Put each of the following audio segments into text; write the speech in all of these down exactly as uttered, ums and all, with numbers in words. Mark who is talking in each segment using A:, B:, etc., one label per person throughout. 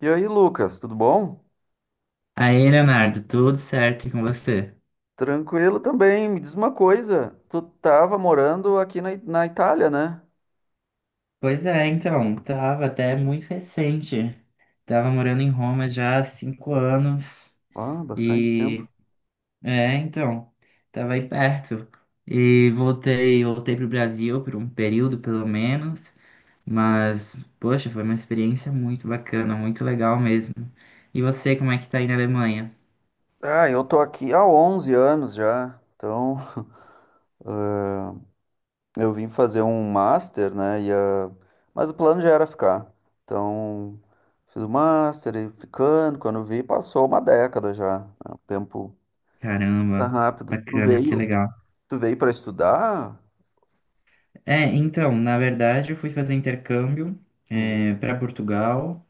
A: E aí, Lucas, tudo bom?
B: Aí, Leonardo, tudo certo e com você?
A: Tranquilo também. Me diz uma coisa, tu tava morando aqui na, I- na Itália, né?
B: Pois é, então, tava até muito recente. Tava morando em Roma já há cinco anos
A: Ah, bastante tempo.
B: e é, então, tava aí perto. E voltei, voltei pro Brasil por um período pelo menos, mas poxa, foi uma experiência muito bacana, muito legal mesmo. E você, como é que tá aí na Alemanha?
A: Ah, eu tô aqui há onze anos já. Então, eu vim fazer um master, né? E, ah, mas o plano já era ficar. Então, fiz o master e ficando. Quando vi, passou uma década já, né? O tempo tá
B: Caramba,
A: rápido. Tu
B: bacana, que
A: veio,
B: legal.
A: tu veio para estudar?
B: É, então, na verdade, eu fui fazer intercâmbio
A: Hum.
B: para Portugal,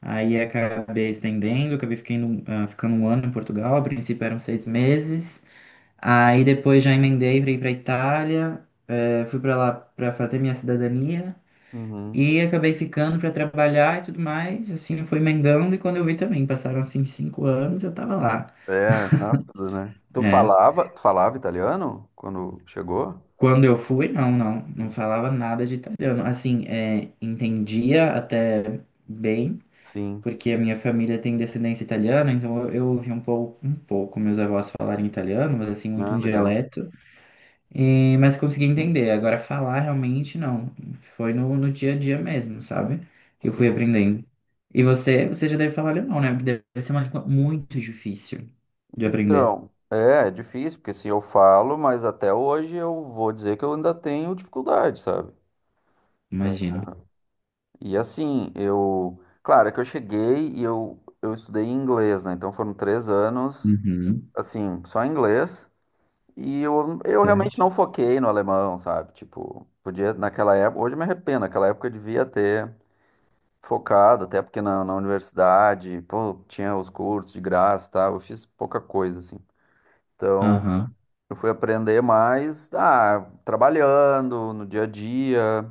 B: aí acabei estendendo, acabei ficando, ah, ficando um ano em Portugal, a princípio eram seis meses, aí depois já emendei para ir para Itália, eh, fui para lá para fazer minha cidadania
A: Uhum.
B: e acabei ficando para trabalhar e tudo mais, assim, fui emendando e quando eu vi também, passaram assim cinco anos, eu tava lá,
A: É, rápido, né? Tu
B: né?
A: falava, tu falava italiano quando chegou?
B: Quando eu fui, não, não, não falava nada de italiano, assim, eh, entendia até bem,
A: Sim.
B: porque a minha família tem descendência italiana, então eu, eu ouvi um pouco, um pouco meus avós falarem italiano, mas assim, muito
A: Ah,
B: um
A: legal.
B: dialeto, e, mas consegui entender. Agora, falar realmente não, foi no, no dia a dia mesmo, sabe? Que eu fui
A: Sim.
B: aprendendo. E você, você já deve falar alemão, né? Porque deve ser uma língua muito difícil de aprender,
A: Então, é, é difícil, porque assim, eu falo, mas até hoje eu vou dizer que eu ainda tenho dificuldade, sabe?
B: imagino.
A: E assim, eu. Claro, é que eu cheguei e eu, eu estudei inglês, né? Então foram três anos,
B: Uhum,
A: assim, só inglês. E eu, eu realmente
B: certo.
A: não foquei no alemão, sabe? Tipo, podia, naquela época. Hoje eu me arrependo, naquela época eu devia ter focado, até porque na, na universidade, pô, tinha os cursos de graça, tá, eu fiz pouca coisa, assim. Então,
B: Aham,
A: eu fui aprender mais, ah, trabalhando no dia a dia,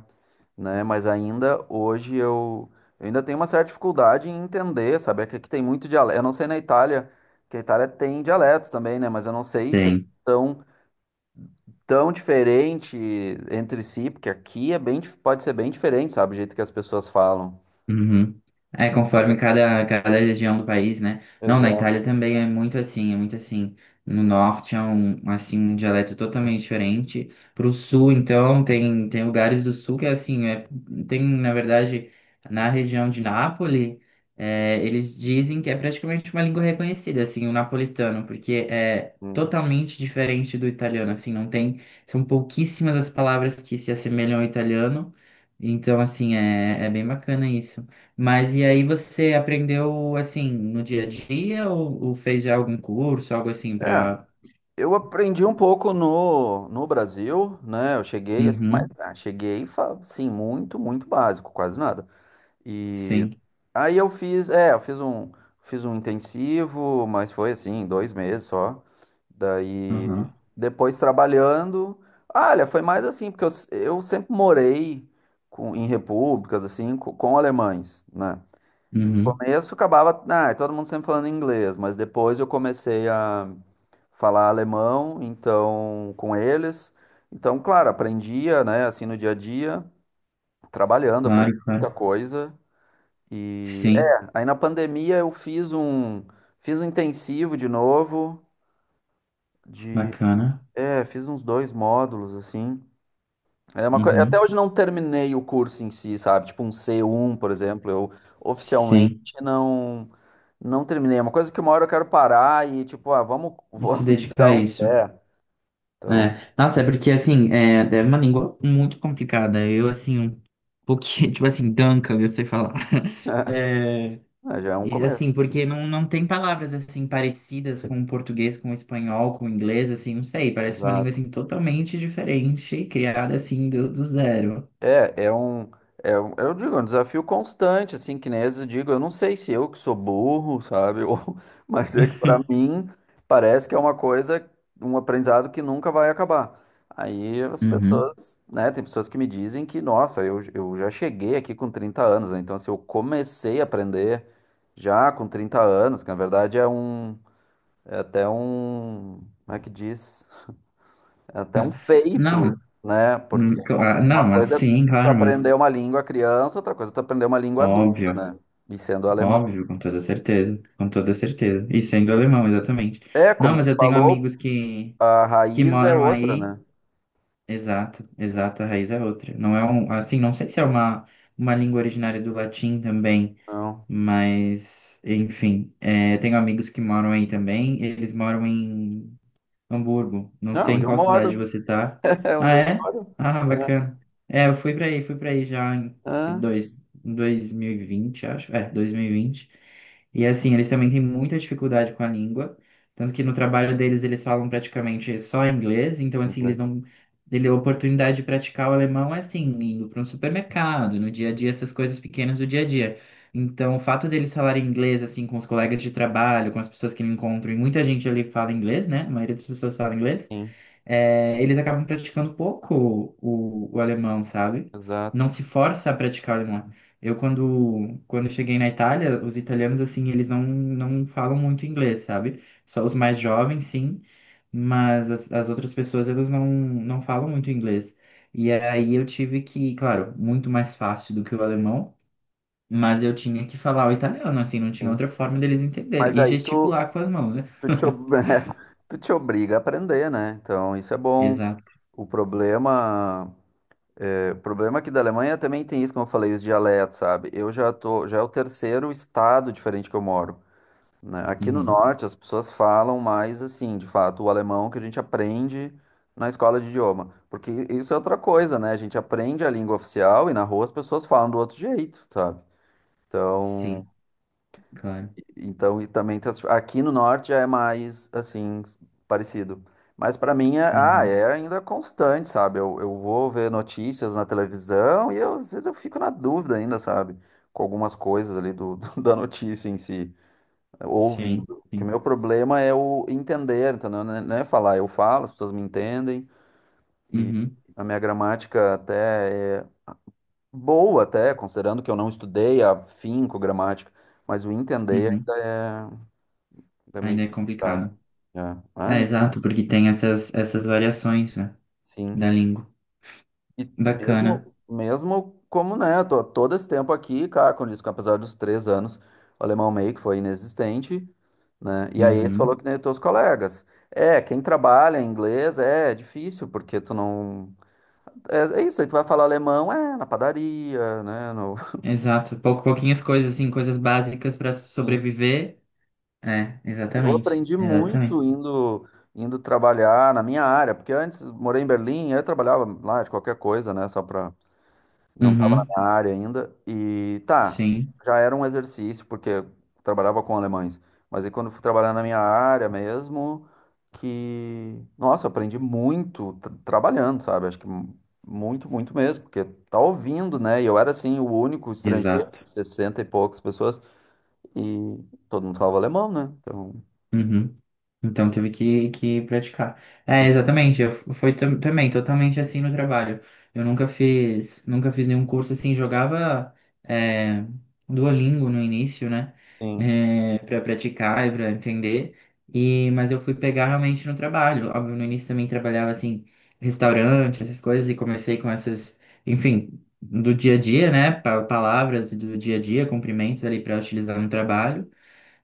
A: né? Mas ainda hoje eu, eu ainda tenho uma certa dificuldade em entender, sabe? É que aqui tem muito dialeto. Eu não sei na Itália, que a Itália tem dialetos também, né? Mas eu não sei se eles
B: tem.
A: são tão diferente entre si, porque aqui é bem, dif- pode ser bem diferente, sabe? O jeito que as pessoas falam.
B: Uhum. É, conforme cada, cada região do país, né? Não, na Itália
A: Exato.
B: também é muito assim, é muito assim. No norte é um, assim, um dialeto totalmente diferente. Pro sul, então, tem, tem lugares do sul que é assim, é, tem, na verdade, na região de Nápoles, é, eles dizem que é praticamente uma língua reconhecida, assim, o napolitano, porque é
A: Hum.
B: totalmente diferente do italiano, assim, não tem, são pouquíssimas as palavras que se assemelham ao italiano. Então, assim, é, é bem bacana isso. Mas e aí você aprendeu, assim, no dia a dia ou, ou fez já algum curso, algo assim
A: É.
B: pra...
A: Eu aprendi um pouco no, no Brasil, né? Eu cheguei, assim, mas
B: Uhum,
A: ah, cheguei, fa- sim, muito, muito básico, quase nada. E
B: sim.
A: aí eu fiz, é, eu fiz um, fiz um intensivo, mas foi assim, dois meses só. Daí,
B: Aham.
A: depois trabalhando, ah, olha, foi mais assim, porque eu, s- eu sempre morei com, em repúblicas, assim, co- com, alemães, né? No
B: Uhum.
A: começo acabava, ah, todo mundo sempre falando inglês, mas depois eu comecei a falar alemão, então com eles. Então, claro, aprendia, né, assim no dia a dia, trabalhando, aprendi
B: Claro,
A: muita
B: claro.
A: coisa. E
B: Sim.
A: é, aí na pandemia eu fiz um fiz um intensivo de novo de,
B: Bacana.
A: é, fiz uns dois módulos assim. É uma coisa, até
B: Uhum.
A: hoje não terminei o curso em si, sabe? Tipo um C um, por exemplo, eu oficialmente
B: Sim.
A: não não terminei. É uma coisa que uma hora eu quero parar e tipo, ah, vamos,
B: E se
A: vamos
B: dedicar
A: dar
B: a
A: um
B: isso.
A: pé. Então,
B: É. Nossa, é porque, assim, é, é uma língua muito complicada. Eu, assim, um pouquinho, tipo assim, danca, eu sei falar. É,
A: é, já é um
B: e, assim,
A: começo.
B: porque não, não tem palavras assim parecidas com o português, com o espanhol, com o inglês, assim, não sei, parece uma língua
A: Exato.
B: assim totalmente diferente, criada assim do, do zero.
A: É, é um, é um, eu digo, é um desafio constante, assim, que nem às vezes eu digo, eu não sei se eu que sou burro, sabe, ou, mas é que para mim parece que é uma coisa, um aprendizado que nunca vai acabar. Aí as
B: Uhum.
A: pessoas, né, tem pessoas que me dizem que, nossa, eu, eu já cheguei aqui com trinta anos, né, então assim, eu comecei a aprender já com trinta anos, que na verdade é um, é até um, como é que diz? É até um feito,
B: Não,
A: né?
B: hum,
A: Porque
B: cla-
A: uma
B: não,
A: coisa é
B: assim,
A: tu
B: claro, mas
A: aprender uma língua criança, outra coisa é tu aprender uma língua adulta,
B: óbvio,
A: né? E sendo alemão.
B: óbvio, com toda certeza, com toda certeza. E sendo alemão, exatamente.
A: É,
B: Não,
A: como
B: mas
A: tu
B: eu tenho
A: falou,
B: amigos que,
A: a
B: que
A: raiz é
B: moram
A: outra,
B: aí,
A: né?
B: exato, exato, a raiz é outra. Não é um, assim, não sei se é uma, uma língua originária do latim também.
A: Não.
B: Mas, enfim, é, tenho amigos que moram aí também. Eles moram em Hamburgo. Não
A: Ah,
B: sei em
A: onde eu
B: qual cidade
A: moro.
B: você tá.
A: É
B: Ah,
A: onde eu
B: é?
A: moro.
B: Ah,
A: Ah,
B: bacana. É, eu fui pra aí, fui pra aí já em foi
A: ah.
B: dois, 2020, acho. É, dois mil e vinte. E vinte. E assim, eles também têm muita dificuldade com a língua. Tanto que no trabalho deles eles falam praticamente só inglês. Então, assim, eles
A: Inglês.
B: não. Ele, a oportunidade de praticar o alemão é assim, indo para um supermercado, no dia a dia, essas coisas pequenas do dia a dia. Então, o fato deles falarem inglês, assim, com os colegas de trabalho, com as pessoas que me encontram, e muita gente ali fala inglês, né? A maioria das pessoas fala inglês,
A: Sim,
B: é, eles acabam praticando pouco o, o alemão, sabe?
A: exato.
B: Não se força a praticar o alemão. Eu, quando, quando cheguei na Itália, os italianos, assim, eles não, não falam muito inglês, sabe? Só os mais jovens, sim, mas as, as outras pessoas, elas não, não falam muito inglês. E aí eu tive que, claro, muito mais fácil do que o alemão, mas eu tinha que falar o italiano, assim, não tinha
A: Sim.
B: outra forma deles entenderem.
A: Mas
B: E
A: aí tu,
B: gesticular com as mãos, né?
A: tu te, ob- tu te obriga a aprender, né? Então, isso é bom.
B: Exato.
A: O problema, é, o problema aqui da Alemanha também tem isso, como eu falei, os dialetos, sabe? Eu já tô, já é o terceiro estado diferente que eu moro. Né? Aqui no
B: Uhum.
A: norte, as pessoas falam mais assim, de fato, o alemão que a gente aprende na escola de idioma. Porque isso é outra coisa, né? A gente aprende a língua oficial e na rua as pessoas falam do outro jeito, sabe? Então,
B: Sim, claro.
A: então e também tá- aqui no norte já é mais assim, s- parecido. Mas para mim é, ah,
B: Uhum.
A: é ainda constante, sabe? Eu, eu vou ver notícias na televisão e eu, às vezes eu fico na dúvida ainda, sabe? Com algumas coisas ali do- da notícia em si
B: Sim,
A: ouvindo. Porque o
B: sim.
A: meu problema é o entender, entendeu? Não é não é falar, eu falo, as pessoas me entendem.
B: Uhum.
A: A minha gramática até é boa, até, considerando que eu não estudei afinco gramática, mas o entender
B: Uhum.
A: ainda é, ainda é meio
B: Ainda é
A: complicado.
B: complicado.
A: É. Ah,
B: É, exato, porque tem essas, essas variações, né,
A: sim.
B: da língua.
A: E
B: Bacana.
A: mesmo, mesmo como, né, tô todo esse tempo aqui, cara, com isso, que apesar dos três anos, o alemão meio que foi inexistente, né? E aí eles
B: Uhum.
A: falou que nem os teus colegas. É, quem trabalha em inglês é difícil, porque tu não. É, é isso, aí tu vai falar alemão, é, na padaria, né? no-
B: Exato. Pou, pouquinhas coisas, assim, coisas básicas para
A: Sim.
B: sobreviver. É,
A: Eu
B: exatamente.
A: aprendi
B: Exatamente.
A: muito indo, indo trabalhar na minha área, porque antes morei em Berlim, eu trabalhava lá de qualquer coisa, né? Só para não estava na
B: Uhum.
A: minha área ainda. E tá,
B: Sim,
A: já era um exercício, porque eu trabalhava com alemães. Mas aí quando eu fui trabalhar na minha área mesmo, que, nossa, eu aprendi muito tra- trabalhando, sabe? Acho que mu- muito, muito, mesmo, porque tá ouvindo, né? E eu era assim, o único estrangeiro,
B: exato.
A: sessenta e poucas pessoas, e todo mundo falava alemão, né? Então,
B: Uhum. Então teve que, que praticar. É,
A: sim,
B: exatamente. Eu f- foi tam- também totalmente assim no trabalho. Eu nunca fiz, nunca fiz nenhum curso assim. Jogava é, Duolingo no início, né?
A: sim,
B: É, para praticar e para entender. E mas eu fui pegar realmente no trabalho. Óbvio, no início também trabalhava assim restaurante, essas coisas e comecei com essas, enfim, do dia a dia, né? Pa- Palavras do dia a dia, cumprimentos ali para utilizar no trabalho.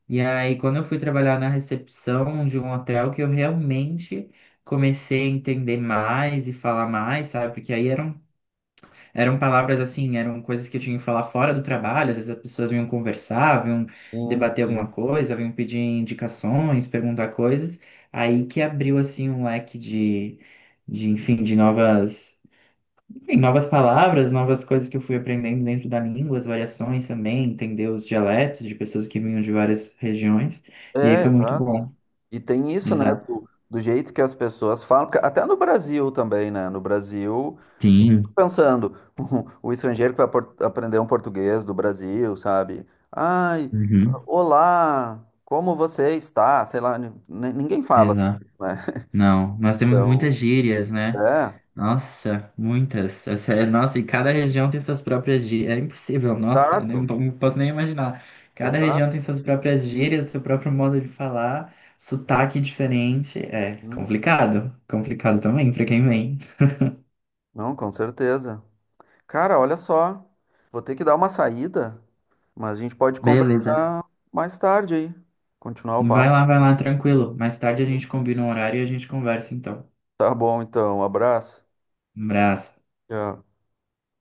B: E aí, quando eu fui trabalhar na recepção de um hotel, que eu realmente comecei a entender mais e falar mais, sabe? Porque aí eram, eram palavras assim, eram coisas que eu tinha que falar fora do trabalho. Às vezes as pessoas vinham conversar, vinham
A: sim,
B: debater alguma
A: sim.
B: coisa, vinham pedir indicações, perguntar coisas. Aí que abriu assim um leque de, de enfim, de novas. Enfim, novas palavras, novas coisas que eu fui aprendendo dentro da língua, as variações também, entender os dialetos de pessoas que vinham de várias regiões. E aí
A: É,
B: foi muito
A: exato.
B: bom.
A: E tem isso, né,
B: Exato.
A: do, do jeito que as pessoas falam, porque até no Brasil também, né? No Brasil,
B: Sim.
A: pensando, o o estrangeiro que vai por- aprender um português do Brasil, sabe? Ai,
B: Uhum.
A: olá, como você está? Sei lá, ni- ni- ninguém fala,
B: Exato.
A: né?
B: Não, nós temos muitas
A: Então,
B: gírias, né?
A: é,
B: Nossa, muitas. Essa é- Nossa, e cada região tem suas próprias gírias. É impossível, nossa, eu nem-
A: exato,
B: não posso nem imaginar. Cada
A: exato.
B: região tem suas próprias gírias, seu próprio modo de falar, sotaque diferente. É
A: Sim.
B: complicado. Complicado também para quem vem.
A: Não, com certeza. Cara, olha só, vou ter que dar uma saída, mas a gente pode
B: Beleza.
A: conversar mais tarde aí, continuar o
B: Vai
A: papo.
B: lá, vai lá, tranquilo. Mais tarde a gente
A: Beleza?
B: combina um horário e a gente conversa então.
A: Tá bom, então. Um abraço.
B: Um abraço.
A: Tchau.